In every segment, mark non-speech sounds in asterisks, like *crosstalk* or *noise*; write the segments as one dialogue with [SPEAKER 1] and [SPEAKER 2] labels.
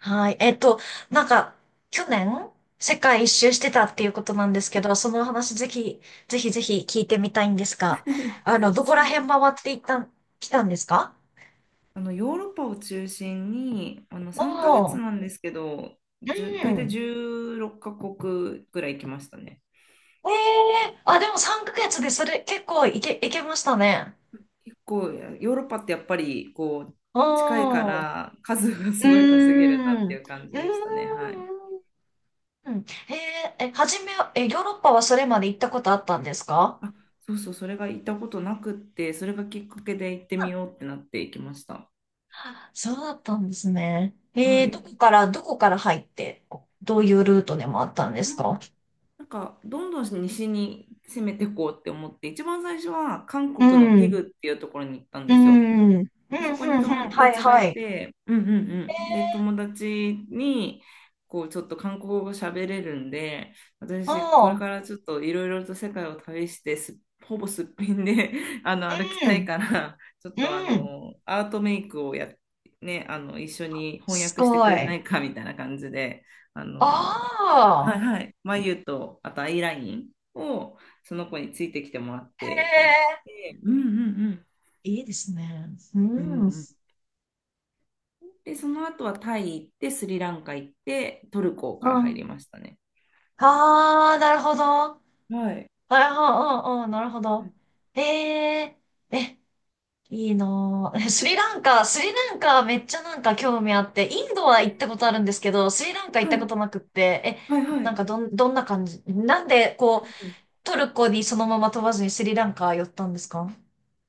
[SPEAKER 1] はい。なんか、去年、世界一周してたっていうことなんですけど、そのお話ぜひ、ぜひぜひ聞いてみたいんですが、
[SPEAKER 2] *laughs*
[SPEAKER 1] どこ
[SPEAKER 2] そ
[SPEAKER 1] ら辺
[SPEAKER 2] う。
[SPEAKER 1] 回っていったん、来たんですか？
[SPEAKER 2] ヨーロッパを中心に3ヶ
[SPEAKER 1] お
[SPEAKER 2] 月
[SPEAKER 1] ー、
[SPEAKER 2] なんですけど、
[SPEAKER 1] う
[SPEAKER 2] 大体
[SPEAKER 1] ん。
[SPEAKER 2] 16カ国ぐらい行きましたね。
[SPEAKER 1] えでも3ヶ月でそれ結構いけましたね。
[SPEAKER 2] 結構、いや、ヨーロッパってやっぱりこう
[SPEAKER 1] う
[SPEAKER 2] 近いか
[SPEAKER 1] ん。う
[SPEAKER 2] ら数がすごい
[SPEAKER 1] ー
[SPEAKER 2] 稼げるなっ
[SPEAKER 1] ん。うー
[SPEAKER 2] て
[SPEAKER 1] ん。
[SPEAKER 2] いう感じでしたね。はい。
[SPEAKER 1] えーえ、はじめ、え、ヨーロッパはそれまで行ったことあったんですか？
[SPEAKER 2] あ、そうそう、それが行ったことなくって、それがきっかけで行ってみようってなって行きました。
[SPEAKER 1] そうだったんですね。え
[SPEAKER 2] は
[SPEAKER 1] ー、ど
[SPEAKER 2] い。
[SPEAKER 1] こから、どこから入って、こうどういうルートでもあったんですか？
[SPEAKER 2] なんかどんどん西に攻めていこうって思って、一番最初は韓
[SPEAKER 1] う
[SPEAKER 2] 国のテ
[SPEAKER 1] ん、
[SPEAKER 2] グっていうところに行ったん
[SPEAKER 1] う
[SPEAKER 2] ですよ。
[SPEAKER 1] ん、うん、うん、うん、
[SPEAKER 2] で、そこに友
[SPEAKER 1] はい
[SPEAKER 2] 達が
[SPEAKER 1] は
[SPEAKER 2] い
[SPEAKER 1] い。
[SPEAKER 2] て、うんうんうん。で、友達に、ちょっと韓国語喋れるんで、
[SPEAKER 1] あ
[SPEAKER 2] 私、これ
[SPEAKER 1] あ、
[SPEAKER 2] からちょっといろいろと世界を旅して、ほぼすっぴんで *laughs* 歩き
[SPEAKER 1] う
[SPEAKER 2] たい
[SPEAKER 1] ん、
[SPEAKER 2] から、ちょっと
[SPEAKER 1] うん、
[SPEAKER 2] アートメイクをね、一緒に翻
[SPEAKER 1] す
[SPEAKER 2] 訳して
[SPEAKER 1] ご
[SPEAKER 2] くれな
[SPEAKER 1] い。
[SPEAKER 2] いか、みたいな感じで、あの、は
[SPEAKER 1] あ
[SPEAKER 2] い
[SPEAKER 1] あ、
[SPEAKER 2] はい、眉と、あとアイラインを、その子についてきてもらってやっ
[SPEAKER 1] へ
[SPEAKER 2] て、うんうんうん。
[SPEAKER 1] え、いいですね。う
[SPEAKER 2] うん
[SPEAKER 1] ん、う
[SPEAKER 2] うん。で、その後はタイ行って、スリランカ行って、トルコから入
[SPEAKER 1] ん。
[SPEAKER 2] りましたね。
[SPEAKER 1] ああ、なるほど。あ
[SPEAKER 2] はい。
[SPEAKER 1] あ、うん、うん、うんなるほ
[SPEAKER 2] う
[SPEAKER 1] ど。
[SPEAKER 2] ん。
[SPEAKER 1] ええ、え、いいなぁ。*laughs* スリランカ、スリランカめっちゃなんか興味あって、インドは行ったことあるんですけど、スリランカ行っ
[SPEAKER 2] は
[SPEAKER 1] たこと
[SPEAKER 2] い
[SPEAKER 1] なくって、え、
[SPEAKER 2] はいはい。
[SPEAKER 1] どんな感じなんでこう、
[SPEAKER 2] うん。
[SPEAKER 1] トルコにそのまま飛ばずにスリランカ寄ったんですか？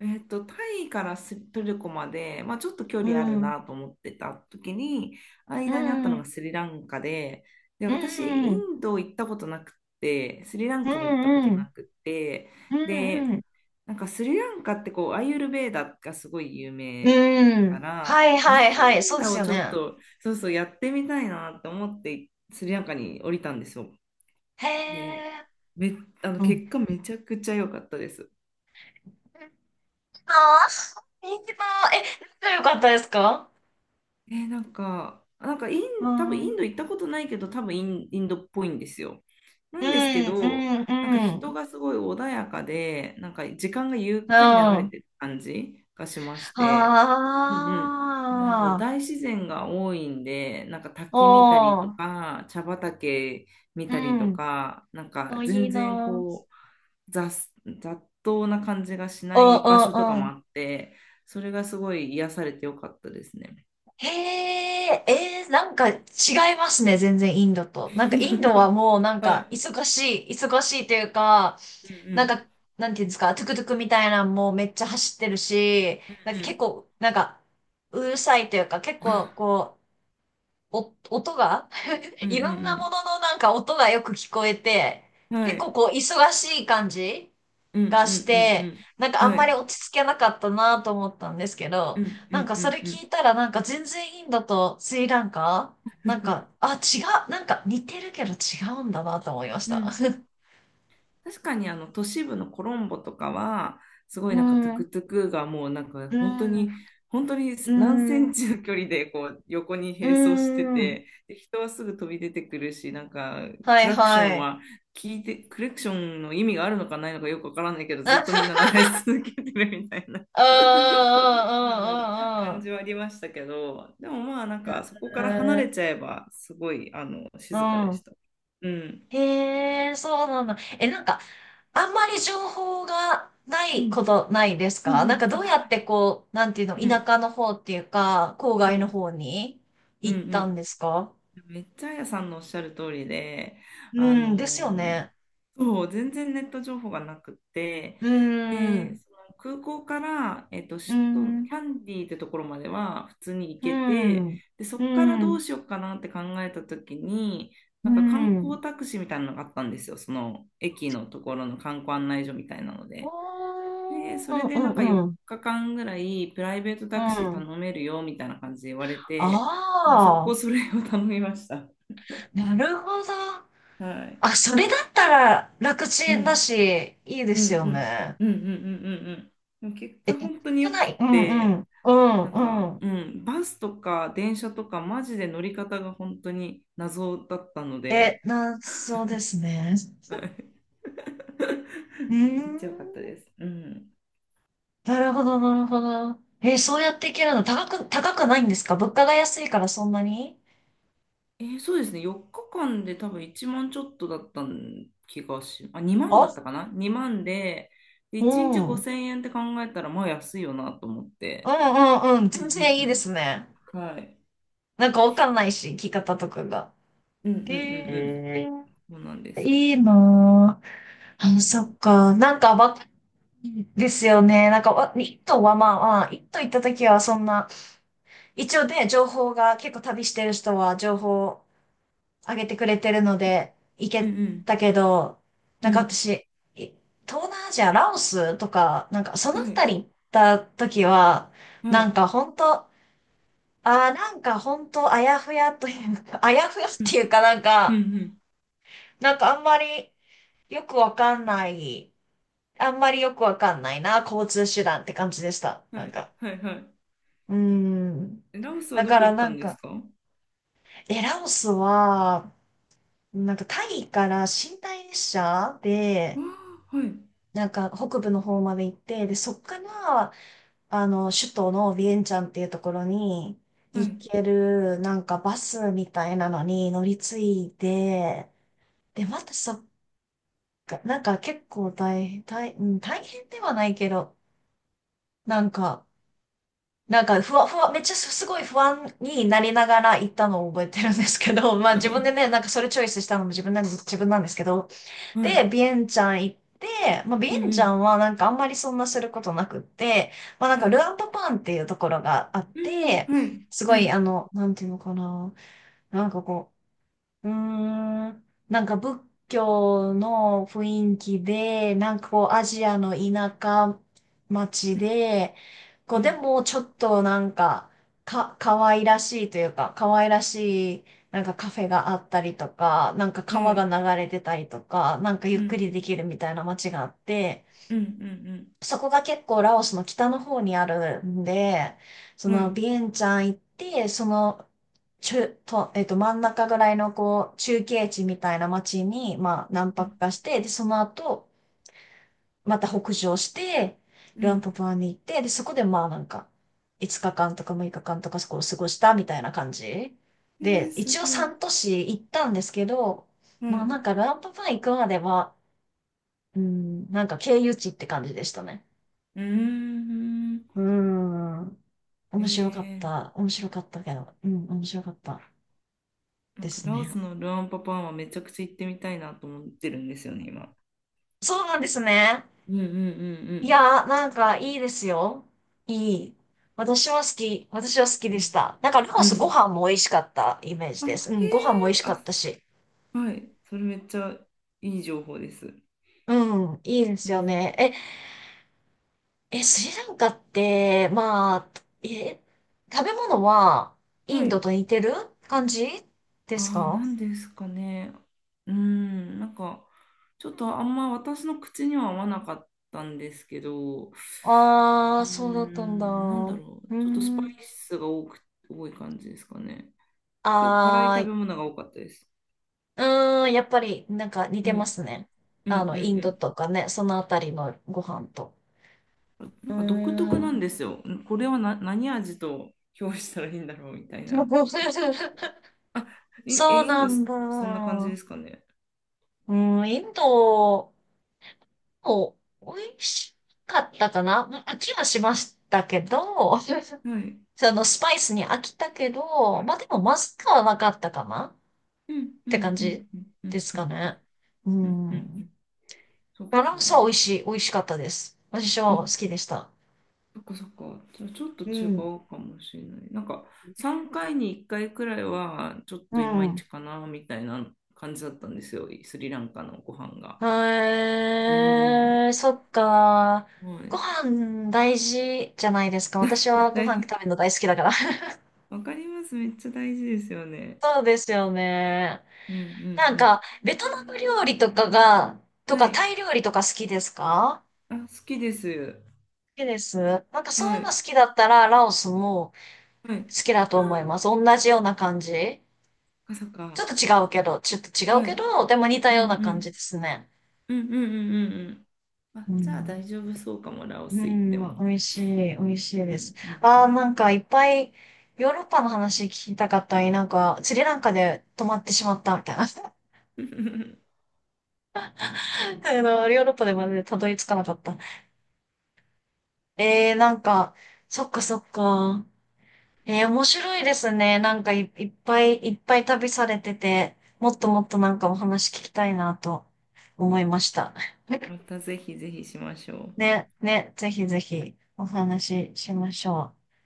[SPEAKER 2] タイからストルコまで、まあ、ちょっと距
[SPEAKER 1] う
[SPEAKER 2] 離ある
[SPEAKER 1] ん。
[SPEAKER 2] なと思ってた時に
[SPEAKER 1] う
[SPEAKER 2] 間にあったの
[SPEAKER 1] ん。
[SPEAKER 2] がスリランカで、で
[SPEAKER 1] うん。
[SPEAKER 2] 私イ
[SPEAKER 1] うん。
[SPEAKER 2] ンド行ったことなくて、スリラン
[SPEAKER 1] う
[SPEAKER 2] カも行ったこと
[SPEAKER 1] ん。
[SPEAKER 2] なくて、
[SPEAKER 1] うん。う
[SPEAKER 2] で
[SPEAKER 1] ん。
[SPEAKER 2] なんかスリランカってこう、アーユルヴェーダがすごい有
[SPEAKER 1] う
[SPEAKER 2] 名か
[SPEAKER 1] ん
[SPEAKER 2] ら、
[SPEAKER 1] はい
[SPEAKER 2] ア
[SPEAKER 1] は
[SPEAKER 2] ー
[SPEAKER 1] い
[SPEAKER 2] ユルヴ
[SPEAKER 1] はい。そ
[SPEAKER 2] ェ
[SPEAKER 1] う
[SPEAKER 2] ー
[SPEAKER 1] で
[SPEAKER 2] ダ
[SPEAKER 1] す
[SPEAKER 2] を
[SPEAKER 1] よ
[SPEAKER 2] ちょっ
[SPEAKER 1] ね。
[SPEAKER 2] と、そうそう、やってみたいなって思って、スリランカに降りたんですよ。
[SPEAKER 1] へ
[SPEAKER 2] で、
[SPEAKER 1] え。
[SPEAKER 2] め、
[SPEAKER 1] うん。
[SPEAKER 2] 結果めちゃくちゃ良かったです。
[SPEAKER 1] ああ、いいなぁ。え、仲良かったですか？
[SPEAKER 2] なんか、
[SPEAKER 1] う
[SPEAKER 2] 多分
[SPEAKER 1] ん。う
[SPEAKER 2] イン
[SPEAKER 1] ん。
[SPEAKER 2] ド行ったことないけど、多分インドっぽいんですよ。な
[SPEAKER 1] う
[SPEAKER 2] んですけ
[SPEAKER 1] ん。
[SPEAKER 2] ど、なんか
[SPEAKER 1] う
[SPEAKER 2] 人
[SPEAKER 1] ん。
[SPEAKER 2] がすごい穏やかで、なんか時間がゆ
[SPEAKER 1] う
[SPEAKER 2] っ
[SPEAKER 1] ん。
[SPEAKER 2] くり流れ
[SPEAKER 1] あ
[SPEAKER 2] てる感じがしまして、うんうん。なんだろう、
[SPEAKER 1] あ。
[SPEAKER 2] 大自然が多いんで、なんか
[SPEAKER 1] お
[SPEAKER 2] 滝見たりと
[SPEAKER 1] ー。
[SPEAKER 2] か、茶畑見
[SPEAKER 1] う
[SPEAKER 2] たりと
[SPEAKER 1] ん。
[SPEAKER 2] か、なんか
[SPEAKER 1] お、いい
[SPEAKER 2] 全
[SPEAKER 1] な。
[SPEAKER 2] 然
[SPEAKER 1] うん
[SPEAKER 2] う、雑、雑踏な感じがし
[SPEAKER 1] う
[SPEAKER 2] な
[SPEAKER 1] ん
[SPEAKER 2] い場所とか
[SPEAKER 1] う
[SPEAKER 2] も
[SPEAKER 1] ん。
[SPEAKER 2] あって、それがすごい癒されてよかったですね。
[SPEAKER 1] へえ、えー、なんか違いますね、全然インドと。なんかインドは
[SPEAKER 2] *laughs*
[SPEAKER 1] もうなん
[SPEAKER 2] は
[SPEAKER 1] か
[SPEAKER 2] い。
[SPEAKER 1] 忙しいというか、
[SPEAKER 2] うんう
[SPEAKER 1] なん
[SPEAKER 2] ん。
[SPEAKER 1] か、なんていうんですか、トゥクトゥクみたいなのもめっちゃ走ってるし、なんか結構、なんか、うるさいというか、結構こう、お、音が、
[SPEAKER 2] うんう
[SPEAKER 1] い
[SPEAKER 2] ん
[SPEAKER 1] ろん
[SPEAKER 2] う
[SPEAKER 1] なも
[SPEAKER 2] ん
[SPEAKER 1] ののなんか音がよく聞こえて、
[SPEAKER 2] うん。は
[SPEAKER 1] 結構
[SPEAKER 2] い。
[SPEAKER 1] こう忙しい感じ
[SPEAKER 2] うんう
[SPEAKER 1] がし
[SPEAKER 2] んう
[SPEAKER 1] て、
[SPEAKER 2] ん
[SPEAKER 1] なんか
[SPEAKER 2] う
[SPEAKER 1] あ
[SPEAKER 2] ん。
[SPEAKER 1] ん
[SPEAKER 2] は
[SPEAKER 1] まり
[SPEAKER 2] い。
[SPEAKER 1] 落ち着けなかったなと思ったんですけ
[SPEAKER 2] う
[SPEAKER 1] ど、
[SPEAKER 2] んう
[SPEAKER 1] なん
[SPEAKER 2] ん
[SPEAKER 1] か
[SPEAKER 2] う
[SPEAKER 1] それ
[SPEAKER 2] んうん。
[SPEAKER 1] 聞いたらなんか全然インドとスリランカ違う、なんか似てるけど違うんだなと思いまし
[SPEAKER 2] う
[SPEAKER 1] た。
[SPEAKER 2] ん。
[SPEAKER 1] *laughs*
[SPEAKER 2] 確かにあの都市部のコロンボとかは、すごい
[SPEAKER 1] う
[SPEAKER 2] なんかトゥ
[SPEAKER 1] ん、
[SPEAKER 2] クトゥクがもうなんか
[SPEAKER 1] う
[SPEAKER 2] 本当
[SPEAKER 1] ん、
[SPEAKER 2] に、本当に
[SPEAKER 1] う
[SPEAKER 2] 何セン
[SPEAKER 1] ん、
[SPEAKER 2] チの距離でこう横に
[SPEAKER 1] う
[SPEAKER 2] 並走して
[SPEAKER 1] ん。
[SPEAKER 2] て、で人はすぐ飛び出てくるし、なんか
[SPEAKER 1] は
[SPEAKER 2] ク
[SPEAKER 1] い
[SPEAKER 2] ラクショ
[SPEAKER 1] は
[SPEAKER 2] ン
[SPEAKER 1] い。
[SPEAKER 2] は聞いて、クラクションの意味があるのかないのかよくわからないけど、ずっとみんな鳴
[SPEAKER 1] *laughs*
[SPEAKER 2] らし続けてるみたいな。
[SPEAKER 1] うんうん
[SPEAKER 2] *laughs* う
[SPEAKER 1] う
[SPEAKER 2] ん、
[SPEAKER 1] んうんう
[SPEAKER 2] 感
[SPEAKER 1] ん。
[SPEAKER 2] じはありましたけど、でもまあなんかそこから離
[SPEAKER 1] え
[SPEAKER 2] れちゃえばすごい
[SPEAKER 1] ー
[SPEAKER 2] 静かで
[SPEAKER 1] う
[SPEAKER 2] し
[SPEAKER 1] ん。
[SPEAKER 2] た。うん。
[SPEAKER 1] へえ、そうなんだ。え、なんか、あんまり情報がな
[SPEAKER 2] う
[SPEAKER 1] いこ
[SPEAKER 2] ん。
[SPEAKER 1] とないです
[SPEAKER 2] う
[SPEAKER 1] か？
[SPEAKER 2] んう
[SPEAKER 1] なん
[SPEAKER 2] ん。
[SPEAKER 1] かどうや
[SPEAKER 2] あ、
[SPEAKER 1] ってこう、なんていうの、
[SPEAKER 2] う
[SPEAKER 1] 田
[SPEAKER 2] ん。
[SPEAKER 1] 舎の方っていうか、郊
[SPEAKER 2] う
[SPEAKER 1] 外の
[SPEAKER 2] ん。
[SPEAKER 1] 方に
[SPEAKER 2] うん
[SPEAKER 1] 行
[SPEAKER 2] う
[SPEAKER 1] ったんですか？
[SPEAKER 2] ん。めっちゃあやさんのおっしゃる通りで、あ
[SPEAKER 1] うん、ですよ
[SPEAKER 2] のー
[SPEAKER 1] ね。
[SPEAKER 2] そう、全然ネット情報がなくて、
[SPEAKER 1] うー
[SPEAKER 2] で、
[SPEAKER 1] ん、
[SPEAKER 2] その空港から、首
[SPEAKER 1] うー
[SPEAKER 2] 都、
[SPEAKER 1] ん、
[SPEAKER 2] キャンディーってところまでは普通に行
[SPEAKER 1] うー
[SPEAKER 2] け
[SPEAKER 1] ん、
[SPEAKER 2] て、で、そ
[SPEAKER 1] う
[SPEAKER 2] こから
[SPEAKER 1] ー
[SPEAKER 2] どう
[SPEAKER 1] ん、
[SPEAKER 2] しようかなって考えた時に、
[SPEAKER 1] う
[SPEAKER 2] な
[SPEAKER 1] ー
[SPEAKER 2] んか観
[SPEAKER 1] ん。
[SPEAKER 2] 光タクシーみたいなのがあったんですよ、その駅のところの観光案内所みたいなので。で、
[SPEAKER 1] お
[SPEAKER 2] そ
[SPEAKER 1] ー、う
[SPEAKER 2] れ
[SPEAKER 1] ん、
[SPEAKER 2] でなんか
[SPEAKER 1] うん、
[SPEAKER 2] 4
[SPEAKER 1] うん。
[SPEAKER 2] 日間ぐらいプライベート
[SPEAKER 1] う
[SPEAKER 2] タクシー頼
[SPEAKER 1] ん
[SPEAKER 2] めるよみたいな感じで言われて、もう速攻
[SPEAKER 1] ああ
[SPEAKER 2] それを頼みました。
[SPEAKER 1] ー、なるほど。
[SPEAKER 2] *laughs* は
[SPEAKER 1] あ、
[SPEAKER 2] い。
[SPEAKER 1] それだったら楽
[SPEAKER 2] う
[SPEAKER 1] ちんだ
[SPEAKER 2] ん。
[SPEAKER 1] し、いいで
[SPEAKER 2] う
[SPEAKER 1] す
[SPEAKER 2] ん
[SPEAKER 1] よ
[SPEAKER 2] うん
[SPEAKER 1] ね。
[SPEAKER 2] うんうんうんうんうん。でも結
[SPEAKER 1] え、
[SPEAKER 2] 果
[SPEAKER 1] じ
[SPEAKER 2] 本当に
[SPEAKER 1] ゃ
[SPEAKER 2] よ
[SPEAKER 1] な
[SPEAKER 2] く
[SPEAKER 1] い。うんう
[SPEAKER 2] て、
[SPEAKER 1] ん。う
[SPEAKER 2] なん
[SPEAKER 1] ん
[SPEAKER 2] か、
[SPEAKER 1] う
[SPEAKER 2] う
[SPEAKER 1] ん。
[SPEAKER 2] ん、バスとか電車とかマジで乗り方が本当に謎だったの
[SPEAKER 1] え、
[SPEAKER 2] で、
[SPEAKER 1] な、そうですね。
[SPEAKER 2] はい。
[SPEAKER 1] うー
[SPEAKER 2] *laughs* めっちゃ良かった
[SPEAKER 1] ん。
[SPEAKER 2] です。うん。
[SPEAKER 1] なるほど、なるほど。え、そうやっていけるの高く、高くないんですか？物価が安いからそんなに
[SPEAKER 2] そうですね。4日間で多分1万ちょっとだった気がし、あ、2万
[SPEAKER 1] あ、
[SPEAKER 2] だったかな？ 2 万で、で、
[SPEAKER 1] う
[SPEAKER 2] 1日
[SPEAKER 1] ん。うん
[SPEAKER 2] 5000円って考えたら、まあ安いよなと思っ
[SPEAKER 1] う
[SPEAKER 2] て。
[SPEAKER 1] んうん。
[SPEAKER 2] うんう
[SPEAKER 1] 全然いいで
[SPEAKER 2] ん
[SPEAKER 1] すね。
[SPEAKER 2] うん。はい。
[SPEAKER 1] なんかわかんないし、聞き方とかが。
[SPEAKER 2] うんうんうんうん。
[SPEAKER 1] え
[SPEAKER 2] そうなんで
[SPEAKER 1] ー、
[SPEAKER 2] すよ。
[SPEAKER 1] いいなぁ。
[SPEAKER 2] う
[SPEAKER 1] あ、
[SPEAKER 2] ん
[SPEAKER 1] そっか。なんかわですよね。なんかわ、一頭はまあまあ、一頭行った時はそんな、一応ね、情報が結構旅してる人は情報を上げてくれてるので行
[SPEAKER 2] う
[SPEAKER 1] け
[SPEAKER 2] ん
[SPEAKER 1] たけど、な
[SPEAKER 2] う
[SPEAKER 1] んか
[SPEAKER 2] ん
[SPEAKER 1] 私、い東南アジア、ラオスとか、なんかそ
[SPEAKER 2] う
[SPEAKER 1] のあ
[SPEAKER 2] ん。は
[SPEAKER 1] た
[SPEAKER 2] い、
[SPEAKER 1] り行った時は、
[SPEAKER 2] は
[SPEAKER 1] なん
[SPEAKER 2] い、
[SPEAKER 1] か本当、ああ、なんか本当あやふやというか、*laughs* あやふやっ
[SPEAKER 2] う
[SPEAKER 1] て
[SPEAKER 2] ん。
[SPEAKER 1] いうかなん
[SPEAKER 2] うんう
[SPEAKER 1] か、
[SPEAKER 2] ん。
[SPEAKER 1] なんかあんまりよくわかんない、あんまりよくわかんないな、交通手段って感じでした。
[SPEAKER 2] は
[SPEAKER 1] なん
[SPEAKER 2] い、
[SPEAKER 1] か、
[SPEAKER 2] はい、はい。
[SPEAKER 1] うーん。
[SPEAKER 2] え、ラオスは
[SPEAKER 1] だ
[SPEAKER 2] ど
[SPEAKER 1] か
[SPEAKER 2] こ
[SPEAKER 1] ら
[SPEAKER 2] 行っ
[SPEAKER 1] な
[SPEAKER 2] たん
[SPEAKER 1] ん
[SPEAKER 2] です
[SPEAKER 1] か、
[SPEAKER 2] か？わ
[SPEAKER 1] え、ラオスは、なんかタイから寝台列車
[SPEAKER 2] あ、
[SPEAKER 1] で、
[SPEAKER 2] はい、
[SPEAKER 1] なんか北部の方まで行って、で、そっから、あの、首都のビエンチャンっていうところに
[SPEAKER 2] は
[SPEAKER 1] 行
[SPEAKER 2] い、
[SPEAKER 1] ける、なんかバスみたいなのに乗り継いで、で、またそっか、なんか結構大変、大、うん大変ではないけど、なんか、ふわふわ、めっちゃすすごい不安になりながら行ったのを覚えてるんですけど、*laughs* まあ自
[SPEAKER 2] *laughs*
[SPEAKER 1] 分でね、なんかそれチョイスしたのも自分なんです、自分なんですけど、
[SPEAKER 2] は
[SPEAKER 1] で、
[SPEAKER 2] い、
[SPEAKER 1] ビエンチャン行って、まあ、ビ
[SPEAKER 2] う
[SPEAKER 1] エ
[SPEAKER 2] ん
[SPEAKER 1] ン
[SPEAKER 2] う
[SPEAKER 1] チャン
[SPEAKER 2] ん、
[SPEAKER 1] はなんかあんまりそんなすることなくって、まあ、なん
[SPEAKER 2] は
[SPEAKER 1] かル
[SPEAKER 2] い、
[SPEAKER 1] アンパパンっていうところがあっ
[SPEAKER 2] うん、
[SPEAKER 1] て、
[SPEAKER 2] はい、
[SPEAKER 1] すご
[SPEAKER 2] は
[SPEAKER 1] いあ
[SPEAKER 2] い、
[SPEAKER 1] の、なんていうのかな、なんかこう、うーん。なんか仏教の雰囲気で、なんかこうアジアの田舎町で、こ
[SPEAKER 2] う
[SPEAKER 1] うで
[SPEAKER 2] ん。
[SPEAKER 1] もちょっとなんか、か、可愛らしいというか、可愛らしいなんかカフェがあったりとか、なんか
[SPEAKER 2] は
[SPEAKER 1] 川が
[SPEAKER 2] い、
[SPEAKER 1] 流れてたりとか、なんかゆ
[SPEAKER 2] う
[SPEAKER 1] っく
[SPEAKER 2] ん。
[SPEAKER 1] りできるみたいな街があって、
[SPEAKER 2] うん、うん、
[SPEAKER 1] そこが結構ラオスの北の方にあるんで、そ
[SPEAKER 2] うん、は
[SPEAKER 1] の
[SPEAKER 2] い、
[SPEAKER 1] ビエンチャン行って、その中、と、えっと、真ん中ぐらいのこう、中継地みたいな街に、まあ、何
[SPEAKER 2] う
[SPEAKER 1] 泊
[SPEAKER 2] ん。
[SPEAKER 1] かして、で、その後、また北上して、
[SPEAKER 2] う
[SPEAKER 1] ルアンプ
[SPEAKER 2] ん。
[SPEAKER 1] プアに行って、で、そこでまあなんか、5日間とか6日間とかそこを過ごしたみたいな感じ。
[SPEAKER 2] え
[SPEAKER 1] で、
[SPEAKER 2] ー、す
[SPEAKER 1] 一応
[SPEAKER 2] ごい、
[SPEAKER 1] 3都市行ったんですけど、
[SPEAKER 2] はい。
[SPEAKER 1] まあ
[SPEAKER 2] う
[SPEAKER 1] なんかルアンププア行くまでは、うん、なんか経由地って感じでしたね。
[SPEAKER 2] ーん、
[SPEAKER 1] うーん。面白かっ
[SPEAKER 2] え
[SPEAKER 1] た。面白かったけど。うん、面白かった
[SPEAKER 2] なん
[SPEAKER 1] で
[SPEAKER 2] か
[SPEAKER 1] す
[SPEAKER 2] ラオ
[SPEAKER 1] ね。
[SPEAKER 2] スのルアンパパンはめちゃくちゃ行ってみたいなと思ってるんですよね、今。
[SPEAKER 1] そうなんですね。
[SPEAKER 2] うんうんうんう
[SPEAKER 1] い
[SPEAKER 2] ん。
[SPEAKER 1] やー、なんかいいですよ。いい。私は好き。私は好き
[SPEAKER 2] う
[SPEAKER 1] でし
[SPEAKER 2] ん
[SPEAKER 1] た。なんか、ラオ
[SPEAKER 2] う
[SPEAKER 1] スご
[SPEAKER 2] ん。
[SPEAKER 1] 飯も美味しかったイメージ
[SPEAKER 2] あ、
[SPEAKER 1] です。う
[SPEAKER 2] へ
[SPEAKER 1] ん、ご飯も美味
[SPEAKER 2] え、
[SPEAKER 1] しか
[SPEAKER 2] あ、
[SPEAKER 1] ったし。
[SPEAKER 2] はい。それめっちゃいい情報です。
[SPEAKER 1] うん、いいで
[SPEAKER 2] う
[SPEAKER 1] すよ
[SPEAKER 2] ん。
[SPEAKER 1] ね。え、スリランカって、まあ、え、食べ物はイ
[SPEAKER 2] は
[SPEAKER 1] ンド
[SPEAKER 2] い。
[SPEAKER 1] と似てる感じで
[SPEAKER 2] あ
[SPEAKER 1] す
[SPEAKER 2] あ、
[SPEAKER 1] か？
[SPEAKER 2] 何ですかね。うん、なんか、ちょっとあんま私の口には合わなかったんですけど、
[SPEAKER 1] ああ
[SPEAKER 2] う
[SPEAKER 1] ー、そうだったんだ。
[SPEAKER 2] ん、なんだ
[SPEAKER 1] う
[SPEAKER 2] ろう。
[SPEAKER 1] ー
[SPEAKER 2] ちょっとスパ
[SPEAKER 1] ん。
[SPEAKER 2] イスが多い感じですかね。結構辛い
[SPEAKER 1] あ
[SPEAKER 2] 食
[SPEAKER 1] ー
[SPEAKER 2] べ
[SPEAKER 1] い、
[SPEAKER 2] 物が多かったです。
[SPEAKER 1] うーん、やっぱりなんか似
[SPEAKER 2] う
[SPEAKER 1] てま
[SPEAKER 2] ん、
[SPEAKER 1] すね。
[SPEAKER 2] うん、う
[SPEAKER 1] あの、インド
[SPEAKER 2] ん、
[SPEAKER 1] とかね、そのあたりのご飯と。
[SPEAKER 2] うん。な
[SPEAKER 1] うー
[SPEAKER 2] んか独特なんで
[SPEAKER 1] ん。
[SPEAKER 2] すよ。これはな、何味と評したらいいんだろうみたいな。
[SPEAKER 1] *laughs*
[SPEAKER 2] あ、
[SPEAKER 1] そう
[SPEAKER 2] イン
[SPEAKER 1] な
[SPEAKER 2] ド、
[SPEAKER 1] んだ。
[SPEAKER 2] そんな感じですかね。
[SPEAKER 1] うん、インドも美味しかったかな。うん飽きはしましたけど、*laughs* そ
[SPEAKER 2] はい。
[SPEAKER 1] のスパイスに飽きたけど、まあでもまずくはなかったかな
[SPEAKER 2] うん
[SPEAKER 1] っ
[SPEAKER 2] う
[SPEAKER 1] て感
[SPEAKER 2] んう
[SPEAKER 1] じ
[SPEAKER 2] んうんう
[SPEAKER 1] で
[SPEAKER 2] ん
[SPEAKER 1] す
[SPEAKER 2] う
[SPEAKER 1] か
[SPEAKER 2] ん
[SPEAKER 1] ね。う
[SPEAKER 2] うんう
[SPEAKER 1] ん。
[SPEAKER 2] ん。そっ
[SPEAKER 1] バラ
[SPEAKER 2] か。
[SPEAKER 1] ンスは美味しい、美味しかったです。私
[SPEAKER 2] あ、
[SPEAKER 1] は好きでした。
[SPEAKER 2] そっかそっか。じゃあちょっと
[SPEAKER 1] う
[SPEAKER 2] 違
[SPEAKER 1] ん。
[SPEAKER 2] うかもしれない。なんか3回に1回くらいはちょっ
[SPEAKER 1] う
[SPEAKER 2] といまいち
[SPEAKER 1] ん。
[SPEAKER 2] かなみたいな感じだったんですよ。スリランカのご飯が。
[SPEAKER 1] へ
[SPEAKER 2] うん。
[SPEAKER 1] え、そっか。
[SPEAKER 2] は
[SPEAKER 1] ご
[SPEAKER 2] い。
[SPEAKER 1] 飯大事じゃないですか。私はご飯食
[SPEAKER 2] 大
[SPEAKER 1] べるの大好きだから。*laughs*
[SPEAKER 2] わかります。めっちゃ大事ですよね。
[SPEAKER 1] そうですよね。
[SPEAKER 2] うんう
[SPEAKER 1] なん
[SPEAKER 2] ん
[SPEAKER 1] か、ベトナム料理とかが、
[SPEAKER 2] う
[SPEAKER 1] と
[SPEAKER 2] ん。は
[SPEAKER 1] か
[SPEAKER 2] い。
[SPEAKER 1] タイ料理とか好きですか？
[SPEAKER 2] あ、好きです。
[SPEAKER 1] 好きです。なんかそうい
[SPEAKER 2] は
[SPEAKER 1] うの
[SPEAKER 2] い。
[SPEAKER 1] 好きだったら、ラオスも
[SPEAKER 2] はい。
[SPEAKER 1] 好きだと思います。同じような感じ。
[SPEAKER 2] あー、そっかそっか。
[SPEAKER 1] ちょっと違う
[SPEAKER 2] はい。
[SPEAKER 1] け
[SPEAKER 2] うん
[SPEAKER 1] ど、でも似た
[SPEAKER 2] う
[SPEAKER 1] ような感じ
[SPEAKER 2] ん
[SPEAKER 1] ですね。
[SPEAKER 2] うんうんうんうんうん。あ、
[SPEAKER 1] う
[SPEAKER 2] じゃあ
[SPEAKER 1] ん。
[SPEAKER 2] 大丈夫そうかも、ラオ
[SPEAKER 1] う
[SPEAKER 2] ス行って
[SPEAKER 1] ん、ま
[SPEAKER 2] も。
[SPEAKER 1] あ美味しい、美味しい
[SPEAKER 2] う
[SPEAKER 1] です。
[SPEAKER 2] んう
[SPEAKER 1] ああ、な
[SPEAKER 2] ん
[SPEAKER 1] んかいっぱいヨーロッパの話聞きたかったり、なんかスリランカで止まってしまったみたいな。*laughs*
[SPEAKER 2] うん。
[SPEAKER 1] あの、ヨーロッパでまでたどり着かなかった。えー、なんか、そっかそっか。えー、面白いですね。いっぱいいっぱい旅されてて、もっともっとなんかお話聞きたいなと思いました。
[SPEAKER 2] *laughs* またぜひぜひしましょう。
[SPEAKER 1] ね、ね、ぜひぜひお話ししましょう。